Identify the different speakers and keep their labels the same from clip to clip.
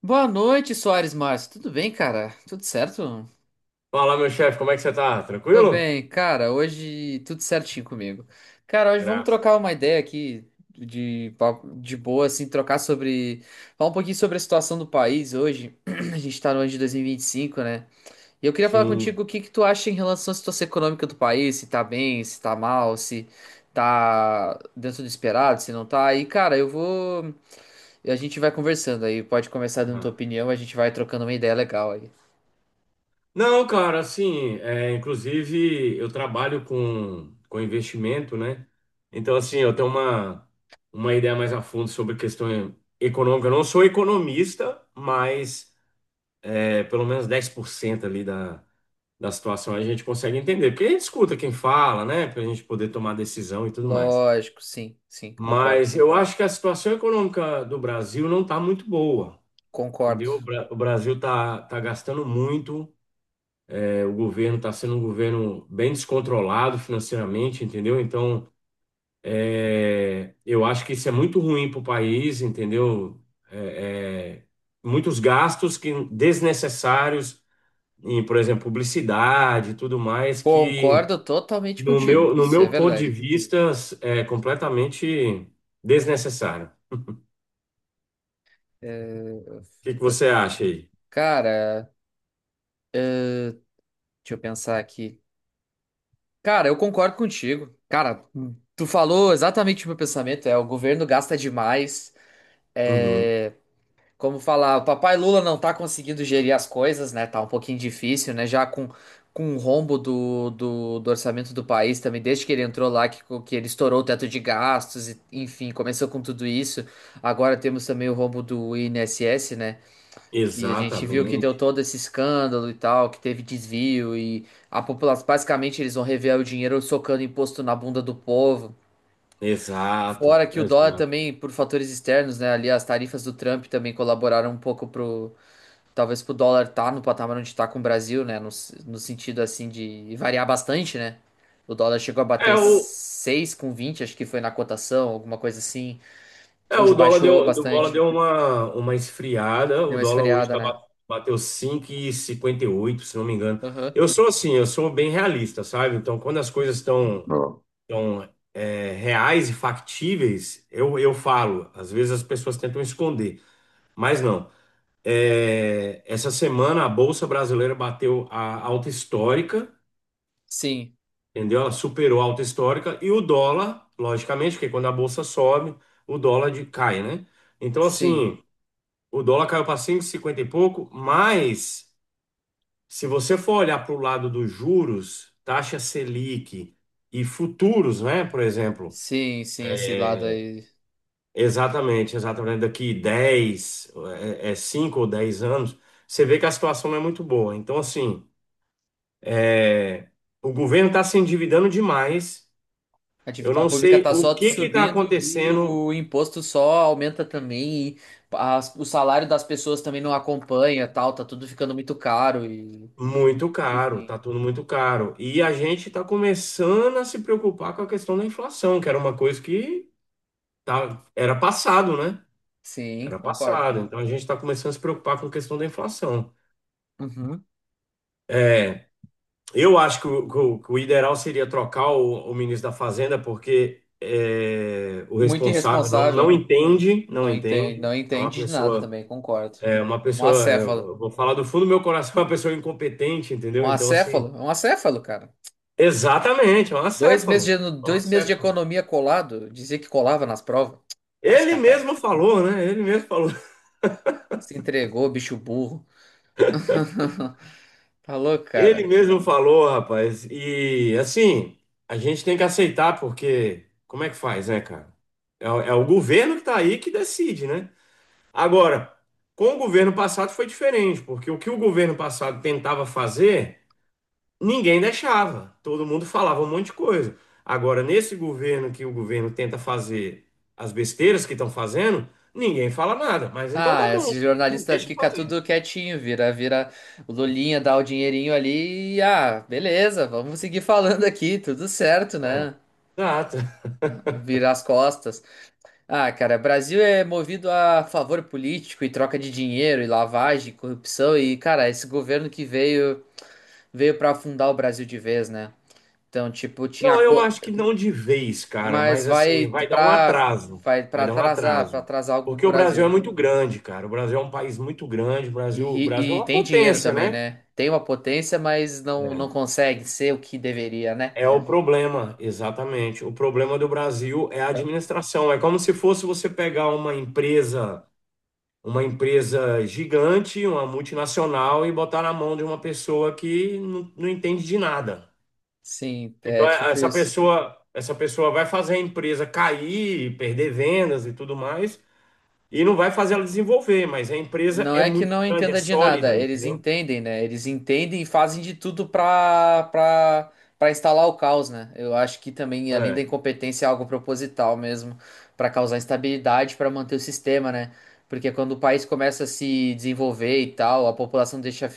Speaker 1: Boa noite, Soares Márcio. Tudo bem, cara? Tudo certo?
Speaker 2: Fala, meu chefe, como é que você tá?
Speaker 1: Tô
Speaker 2: Tranquilo?
Speaker 1: bem, cara. Hoje tudo certinho comigo. Cara, hoje vamos
Speaker 2: Graças.
Speaker 1: trocar uma ideia aqui de, de boa, assim, trocar sobre. Falar um pouquinho sobre a situação do país hoje. A gente tá no ano de dois mil e vinte e cinco, né? E eu queria falar
Speaker 2: Sim.
Speaker 1: contigo o que que tu acha em relação à situação econômica do país, se tá bem, se tá mal, se tá dentro do esperado, se não tá. E, cara, eu vou. A gente vai conversando aí. Pode começar dando tua
Speaker 2: Aham.
Speaker 1: opinião, a gente vai trocando uma ideia legal aí.
Speaker 2: Não, cara, assim, é, inclusive eu trabalho com investimento, né? Então, assim, eu tenho uma ideia mais a fundo sobre questão econômica. Eu não sou economista, mas pelo menos 10% ali da situação a gente consegue entender. Porque a gente escuta quem fala, né? Pra gente poder tomar decisão e tudo mais.
Speaker 1: Lógico, sim, sim, concordo.
Speaker 2: Mas eu acho que a situação econômica do Brasil não está muito boa.
Speaker 1: Concordo.
Speaker 2: Entendeu? O Brasil está tá gastando muito, o governo está sendo um governo bem descontrolado financeiramente, entendeu? Então, eu acho que isso é muito ruim para o país, entendeu? É, é, muitos gastos que desnecessários em, por exemplo, publicidade e tudo mais, que
Speaker 1: Concordo totalmente contigo.
Speaker 2: no
Speaker 1: Isso é
Speaker 2: meu ponto de
Speaker 1: verdade.
Speaker 2: vista é completamente desnecessário. O
Speaker 1: É,
Speaker 2: que que você acha aí?
Speaker 1: cara, deixa eu pensar aqui. Cara, eu concordo contigo. Cara, tu falou exatamente o meu pensamento. É, o governo gasta demais.
Speaker 2: Uhum.
Speaker 1: é, Como falar, o papai Lula não tá conseguindo gerir as coisas, né? Tá um pouquinho difícil, né? Já com o rombo do orçamento do país também, desde que ele entrou lá, que ele estourou o teto de gastos, e, enfim, começou com tudo isso. Agora temos também o rombo do INSS, né? Que a gente viu que deu
Speaker 2: Exatamente,
Speaker 1: todo esse escândalo e tal, que teve desvio e a população, basicamente, eles vão rever o dinheiro socando imposto na bunda do povo.
Speaker 2: exato,
Speaker 1: Fora que o dólar
Speaker 2: exato.
Speaker 1: também, por fatores externos, né? Ali as tarifas do Trump também colaboraram um pouco para talvez pro dólar tá no patamar onde tá com o Brasil, né? No, no sentido assim de variar bastante, né? O dólar chegou a
Speaker 2: É,
Speaker 1: bater
Speaker 2: o,
Speaker 1: seis com vinte, acho que foi na cotação, alguma coisa assim. Hoje
Speaker 2: o dólar
Speaker 1: baixou
Speaker 2: o dólar
Speaker 1: bastante.
Speaker 2: deu uma esfriada.
Speaker 1: Deu
Speaker 2: O
Speaker 1: uma
Speaker 2: dólar hoje
Speaker 1: esfriada, né?
Speaker 2: bateu cinco e cinquenta e oito se não me engano.
Speaker 1: Aham.
Speaker 2: Eu sou assim, eu sou bem realista, sabe? Então, quando as coisas estão reais e factíveis, eu falo. Às vezes as pessoas tentam esconder, mas não. É, essa semana a Bolsa Brasileira bateu a alta histórica.
Speaker 1: Sim,
Speaker 2: Entendeu? Ela superou a alta histórica e o dólar, logicamente, porque quando a bolsa sobe, cai, né? Então,
Speaker 1: sim,
Speaker 2: assim, o dólar caiu para cinco e cinquenta e pouco, mas se você for olhar para o lado dos juros, taxa Selic e futuros, né? Por exemplo,
Speaker 1: sim, sim, esse lado
Speaker 2: é,
Speaker 1: aí.
Speaker 2: exatamente, exatamente, daqui 10, é, é 5 ou 10 anos, você vê que a situação não é muito boa. Então, assim, é, o governo está se endividando demais.
Speaker 1: A
Speaker 2: Eu
Speaker 1: dívida
Speaker 2: não
Speaker 1: pública
Speaker 2: sei
Speaker 1: tá
Speaker 2: o
Speaker 1: só
Speaker 2: que que está
Speaker 1: subindo e
Speaker 2: acontecendo.
Speaker 1: o imposto só aumenta também. E o salário das pessoas também não acompanha, tal, tá tudo ficando muito caro e,
Speaker 2: Muito caro, tá
Speaker 1: enfim.
Speaker 2: tudo muito caro. E a gente está começando a se preocupar com a questão da inflação, que era uma coisa que tá, era passado, né?
Speaker 1: Sim,
Speaker 2: Era
Speaker 1: concordo.
Speaker 2: passado. Então a gente está começando a se preocupar com a questão da inflação.
Speaker 1: Uhum.
Speaker 2: É, eu acho que o ideal seria trocar o ministro da Fazenda, porque é, o
Speaker 1: Muito
Speaker 2: responsável não
Speaker 1: irresponsável.
Speaker 2: entende, não
Speaker 1: Não entende, não
Speaker 2: entende. É uma
Speaker 1: entende de nada
Speaker 2: pessoa.
Speaker 1: também, concordo.
Speaker 2: É uma
Speaker 1: Um
Speaker 2: pessoa,
Speaker 1: acéfalo.
Speaker 2: eu vou falar do fundo do meu coração, uma pessoa incompetente,
Speaker 1: Um
Speaker 2: entendeu? Então,
Speaker 1: acéfalo?
Speaker 2: assim,
Speaker 1: Um acéfalo, cara.
Speaker 2: exatamente, é um acéfalo, é um
Speaker 1: Dois meses de
Speaker 2: acéfalo.
Speaker 1: economia colado, dizia que colava nas provas. Tá,
Speaker 2: Ele mesmo falou, né? Ele mesmo falou.
Speaker 1: se entregou, bicho burro. Tá louco,
Speaker 2: Ele
Speaker 1: cara.
Speaker 2: mesmo falou, rapaz. E, assim, a gente tem que aceitar, porque como é que faz, né, cara? É o governo que tá aí que decide, né? Agora, com o governo passado foi diferente, porque o que o governo passado tentava fazer. Ninguém deixava, todo mundo falava um monte de coisa. Agora, nesse governo que o governo tenta fazer as besteiras que estão fazendo, ninguém fala nada. Mas então
Speaker 1: Ah,
Speaker 2: tá bom,
Speaker 1: esse jornalista
Speaker 2: deixa eu
Speaker 1: fica
Speaker 2: fazer.
Speaker 1: tudo quietinho, vira o Lulinha, dá o dinheirinho ali e ah, beleza, vamos seguir falando aqui, tudo certo,
Speaker 2: É,
Speaker 1: né?
Speaker 2: exato.
Speaker 1: Vira as costas. Ah, cara, Brasil é movido a favor político e troca de dinheiro e lavagem, corrupção e, cara, esse governo que veio para afundar o Brasil de vez, né? Então, tipo, tinha
Speaker 2: Não, eu
Speaker 1: co...
Speaker 2: acho que não de vez, cara,
Speaker 1: mas
Speaker 2: mas
Speaker 1: vai
Speaker 2: assim, vai dar um
Speaker 1: pra
Speaker 2: atraso.
Speaker 1: vai
Speaker 2: Vai dar um
Speaker 1: para
Speaker 2: atraso.
Speaker 1: atrasar algo o
Speaker 2: Porque o Brasil
Speaker 1: Brasil.
Speaker 2: é muito grande, cara. O Brasil é um país muito grande. O Brasil é
Speaker 1: E
Speaker 2: uma
Speaker 1: tem dinheiro
Speaker 2: potência,
Speaker 1: também,
Speaker 2: né?
Speaker 1: né? Tem uma potência, mas não
Speaker 2: É.
Speaker 1: consegue ser o que deveria, né?
Speaker 2: É o problema, exatamente. O problema do Brasil é a administração. É como se fosse você pegar uma empresa gigante, uma multinacional e botar na mão de uma pessoa que não entende de nada.
Speaker 1: Sim, é
Speaker 2: Então
Speaker 1: tipo isso.
Speaker 2: essa pessoa vai fazer a empresa cair, perder vendas e tudo mais, e não vai fazer ela desenvolver, mas a empresa
Speaker 1: Não
Speaker 2: é
Speaker 1: é que
Speaker 2: muito
Speaker 1: não
Speaker 2: grande, é
Speaker 1: entenda de nada,
Speaker 2: sólida,
Speaker 1: eles
Speaker 2: entendeu?
Speaker 1: entendem, né? Eles entendem e fazem de tudo pra instalar o caos, né? Eu acho que também, além da
Speaker 2: É,
Speaker 1: incompetência, é algo proposital mesmo, pra causar instabilidade, pra manter o sistema, né? Porque quando o país começa a se desenvolver e tal, a população deixa,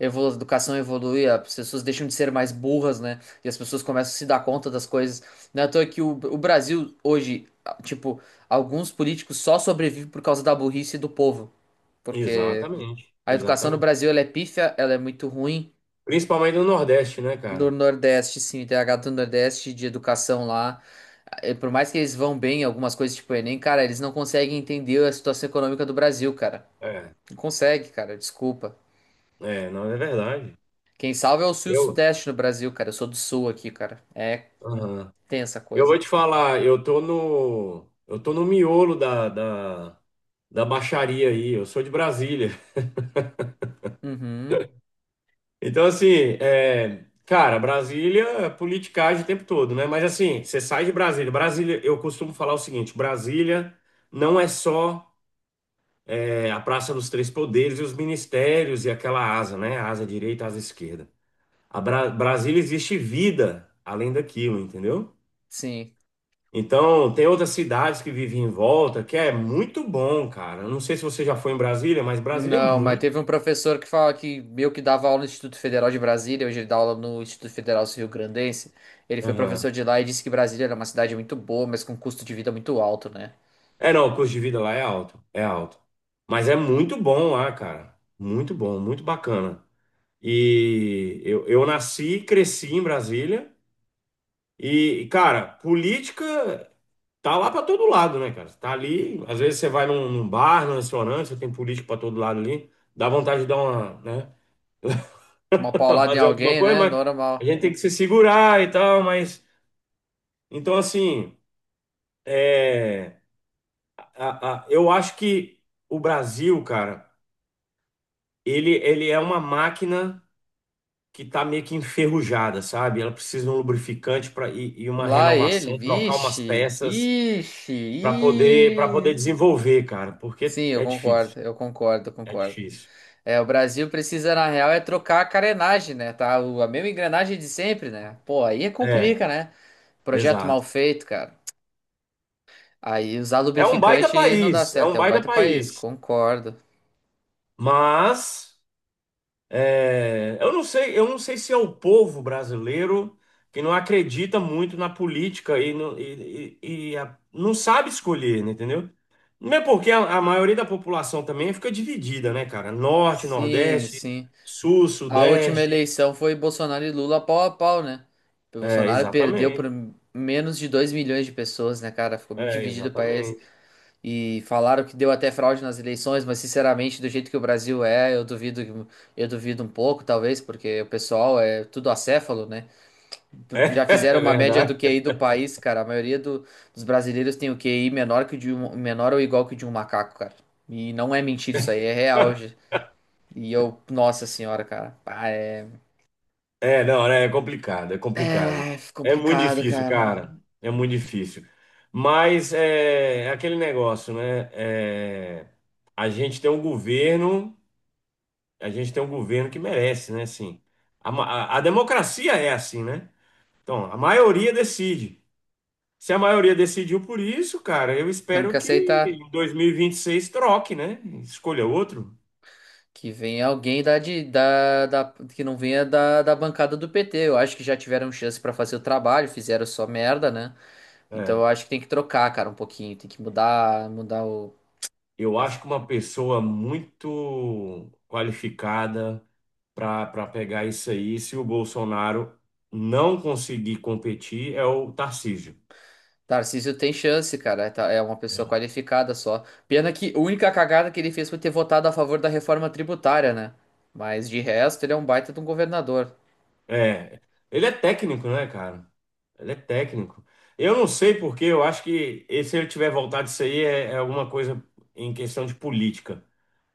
Speaker 1: a educação evolui, as pessoas deixam de ser mais burras, né? E as pessoas começam a se dar conta das coisas. Não é à toa que o Brasil hoje, tipo, alguns políticos só sobrevivem por causa da burrice do povo porque
Speaker 2: exatamente,
Speaker 1: a educação no
Speaker 2: exatamente.
Speaker 1: Brasil ela é pífia, ela é muito ruim.
Speaker 2: Principalmente no Nordeste, né,
Speaker 1: Do
Speaker 2: cara?
Speaker 1: Nordeste, sim, tem a gata do Nordeste de educação lá. Eh, por mais que eles vão bem em algumas coisas tipo o Enem, cara, eles não conseguem entender a situação econômica do Brasil, cara.
Speaker 2: É.
Speaker 1: Não consegue, cara, desculpa.
Speaker 2: É, não, é verdade.
Speaker 1: Quem salva é o Sul e o
Speaker 2: Eu,
Speaker 1: Sudeste no Brasil, cara. Eu sou do Sul aqui, cara. É
Speaker 2: aham.
Speaker 1: tensa a
Speaker 2: Eu
Speaker 1: coisa.
Speaker 2: vou te falar, eu tô no miolo da baixaria aí, eu sou de Brasília.
Speaker 1: Uhum,
Speaker 2: Então, assim, é, cara, Brasília é politicagem o tempo todo, né? Mas, assim, você sai de Brasília. Brasília, eu costumo falar o seguinte: Brasília não é só a Praça dos Três Poderes e os ministérios e aquela asa, né? Asa direita, asa esquerda. Brasília existe vida além daquilo, entendeu?
Speaker 1: sim.
Speaker 2: Então, tem outras cidades que vivem em volta, que é muito bom, cara. Eu não sei se você já foi em Brasília, mas Brasília é
Speaker 1: Não, mas
Speaker 2: muito.
Speaker 1: teve um professor que fala que meio que dava aula no Instituto Federal de Brasília, hoje ele dá aula no Instituto Federal Rio-Grandense. Ele foi
Speaker 2: Aham.
Speaker 1: professor de lá e disse que Brasília era uma cidade muito boa, mas com custo de vida muito alto, né?
Speaker 2: É, não, o custo de vida lá é alto, é alto. Mas é muito bom lá, cara. Muito bom, muito bacana. E eu nasci e cresci em Brasília. E, cara, política tá lá pra todo lado, né, cara? Tá ali, às vezes você vai num bar, num restaurante, você tem político pra todo lado ali. Dá vontade de dar uma, né?
Speaker 1: Uma paulada em
Speaker 2: fazer alguma
Speaker 1: alguém,
Speaker 2: coisa,
Speaker 1: né?
Speaker 2: mas a
Speaker 1: Normal.
Speaker 2: gente tem que se segurar e tal, mas então assim, é, eu acho que o Brasil, cara, ele é uma máquina que tá meio que enferrujada, sabe? Ela precisa de um lubrificante para e uma
Speaker 1: Lá ele,
Speaker 2: renovação, trocar umas
Speaker 1: vixe,
Speaker 2: peças
Speaker 1: vixe,
Speaker 2: para poder
Speaker 1: ih.
Speaker 2: desenvolver, cara,
Speaker 1: Sim,
Speaker 2: porque
Speaker 1: eu
Speaker 2: é difícil,
Speaker 1: concordo, eu concordo, eu
Speaker 2: é
Speaker 1: concordo.
Speaker 2: difícil.
Speaker 1: É, o Brasil precisa, na real, é trocar a carenagem, né? Tá? A mesma engrenagem de sempre, né? Pô, aí
Speaker 2: É,
Speaker 1: complica, né? Projeto mal
Speaker 2: exato.
Speaker 1: feito, cara. Aí usar
Speaker 2: É um baita
Speaker 1: lubrificante não dá
Speaker 2: país, é
Speaker 1: certo,
Speaker 2: um
Speaker 1: é um
Speaker 2: baita
Speaker 1: baita país,
Speaker 2: país,
Speaker 1: concordo.
Speaker 2: mas é. Eu não sei, eu não sei se é o povo brasileiro que não acredita muito na política e não sabe escolher, né, entendeu? Não é porque a maioria da população também fica dividida, né, cara? Norte,
Speaker 1: Sim,
Speaker 2: Nordeste,
Speaker 1: sim.
Speaker 2: Sul,
Speaker 1: A última
Speaker 2: Sudeste.
Speaker 1: eleição foi Bolsonaro e Lula pau a pau, né? O
Speaker 2: É,
Speaker 1: Bolsonaro perdeu por
Speaker 2: exatamente.
Speaker 1: menos de 2 milhões de pessoas, né, cara? Ficou muito
Speaker 2: É,
Speaker 1: dividido o país.
Speaker 2: exatamente.
Speaker 1: E falaram que deu até fraude nas eleições, mas sinceramente, do jeito que o Brasil é, eu duvido um pouco, talvez, porque o pessoal é tudo acéfalo, né?
Speaker 2: É,
Speaker 1: Já fizeram
Speaker 2: é
Speaker 1: uma média do QI
Speaker 2: verdade.
Speaker 1: do país, cara. Dos brasileiros tem o QI menor que menor ou igual que o de um macaco, cara. E não é mentira isso aí, é real. Gente. E eu, nossa senhora, cara. Ah, é,
Speaker 2: É, não, né, é complicado, é complicado.
Speaker 1: é
Speaker 2: É muito
Speaker 1: complicado,
Speaker 2: difícil,
Speaker 1: cara.
Speaker 2: cara. É muito difícil. Mas é, é aquele negócio, né? É, a gente tem um governo, a gente tem um governo que merece, né? Assim, a democracia é assim, né? Então, a maioria decide. Se a maioria decidiu por isso, cara, eu
Speaker 1: Temos que
Speaker 2: espero que
Speaker 1: aceitar
Speaker 2: em 2026 troque, né? Escolha outro.
Speaker 1: que venha alguém da, de, da, da- que não venha da bancada do PT. Eu acho que já tiveram chance pra fazer o trabalho, fizeram só merda, né? Então
Speaker 2: É.
Speaker 1: eu acho que tem que trocar, cara, um pouquinho. Tem que mudar, mudar o
Speaker 2: Eu acho que uma pessoa muito qualificada para pegar isso aí, se o Bolsonaro não conseguir competir, é o Tarcísio.
Speaker 1: Tarcísio tem chance, cara. É, é uma pessoa qualificada só. Pena que a única cagada que ele fez foi ter votado a favor da reforma tributária, né? Mas de resto, ele é um baita de um governador.
Speaker 2: É, ele é técnico, né, cara? Ele é técnico. Eu não sei porque, eu acho que e se ele tiver voltado isso aí é, é alguma coisa em questão de política.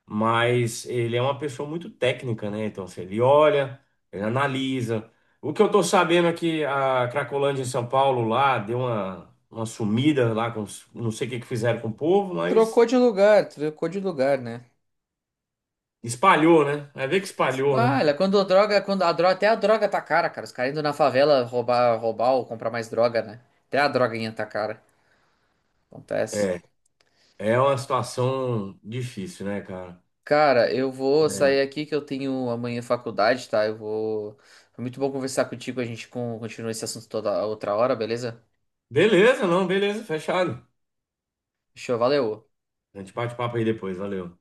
Speaker 2: Mas ele é uma pessoa muito técnica, né? Então, assim, ele olha, ele analisa. O que eu tô sabendo é que a Cracolândia em São Paulo lá deu uma sumida lá com os- não sei o que que fizeram com o povo, mas
Speaker 1: Trocou de lugar, né?
Speaker 2: espalhou, né? Vai ver que espalhou, né?
Speaker 1: Ah, olha, quando a droga, até a droga tá cara, cara. Os caras indo na favela roubar, roubar ou comprar mais droga, né? Até a droguinha tá cara. Acontece.
Speaker 2: É, é uma situação difícil, né, cara?
Speaker 1: Cara, eu vou sair
Speaker 2: É.
Speaker 1: aqui que eu tenho amanhã faculdade, tá? Eu vou. Foi muito bom conversar contigo. A gente continua esse assunto toda outra hora, beleza?
Speaker 2: Beleza, não, beleza, fechado.
Speaker 1: Show, valeu.
Speaker 2: A gente bate papo aí depois, valeu.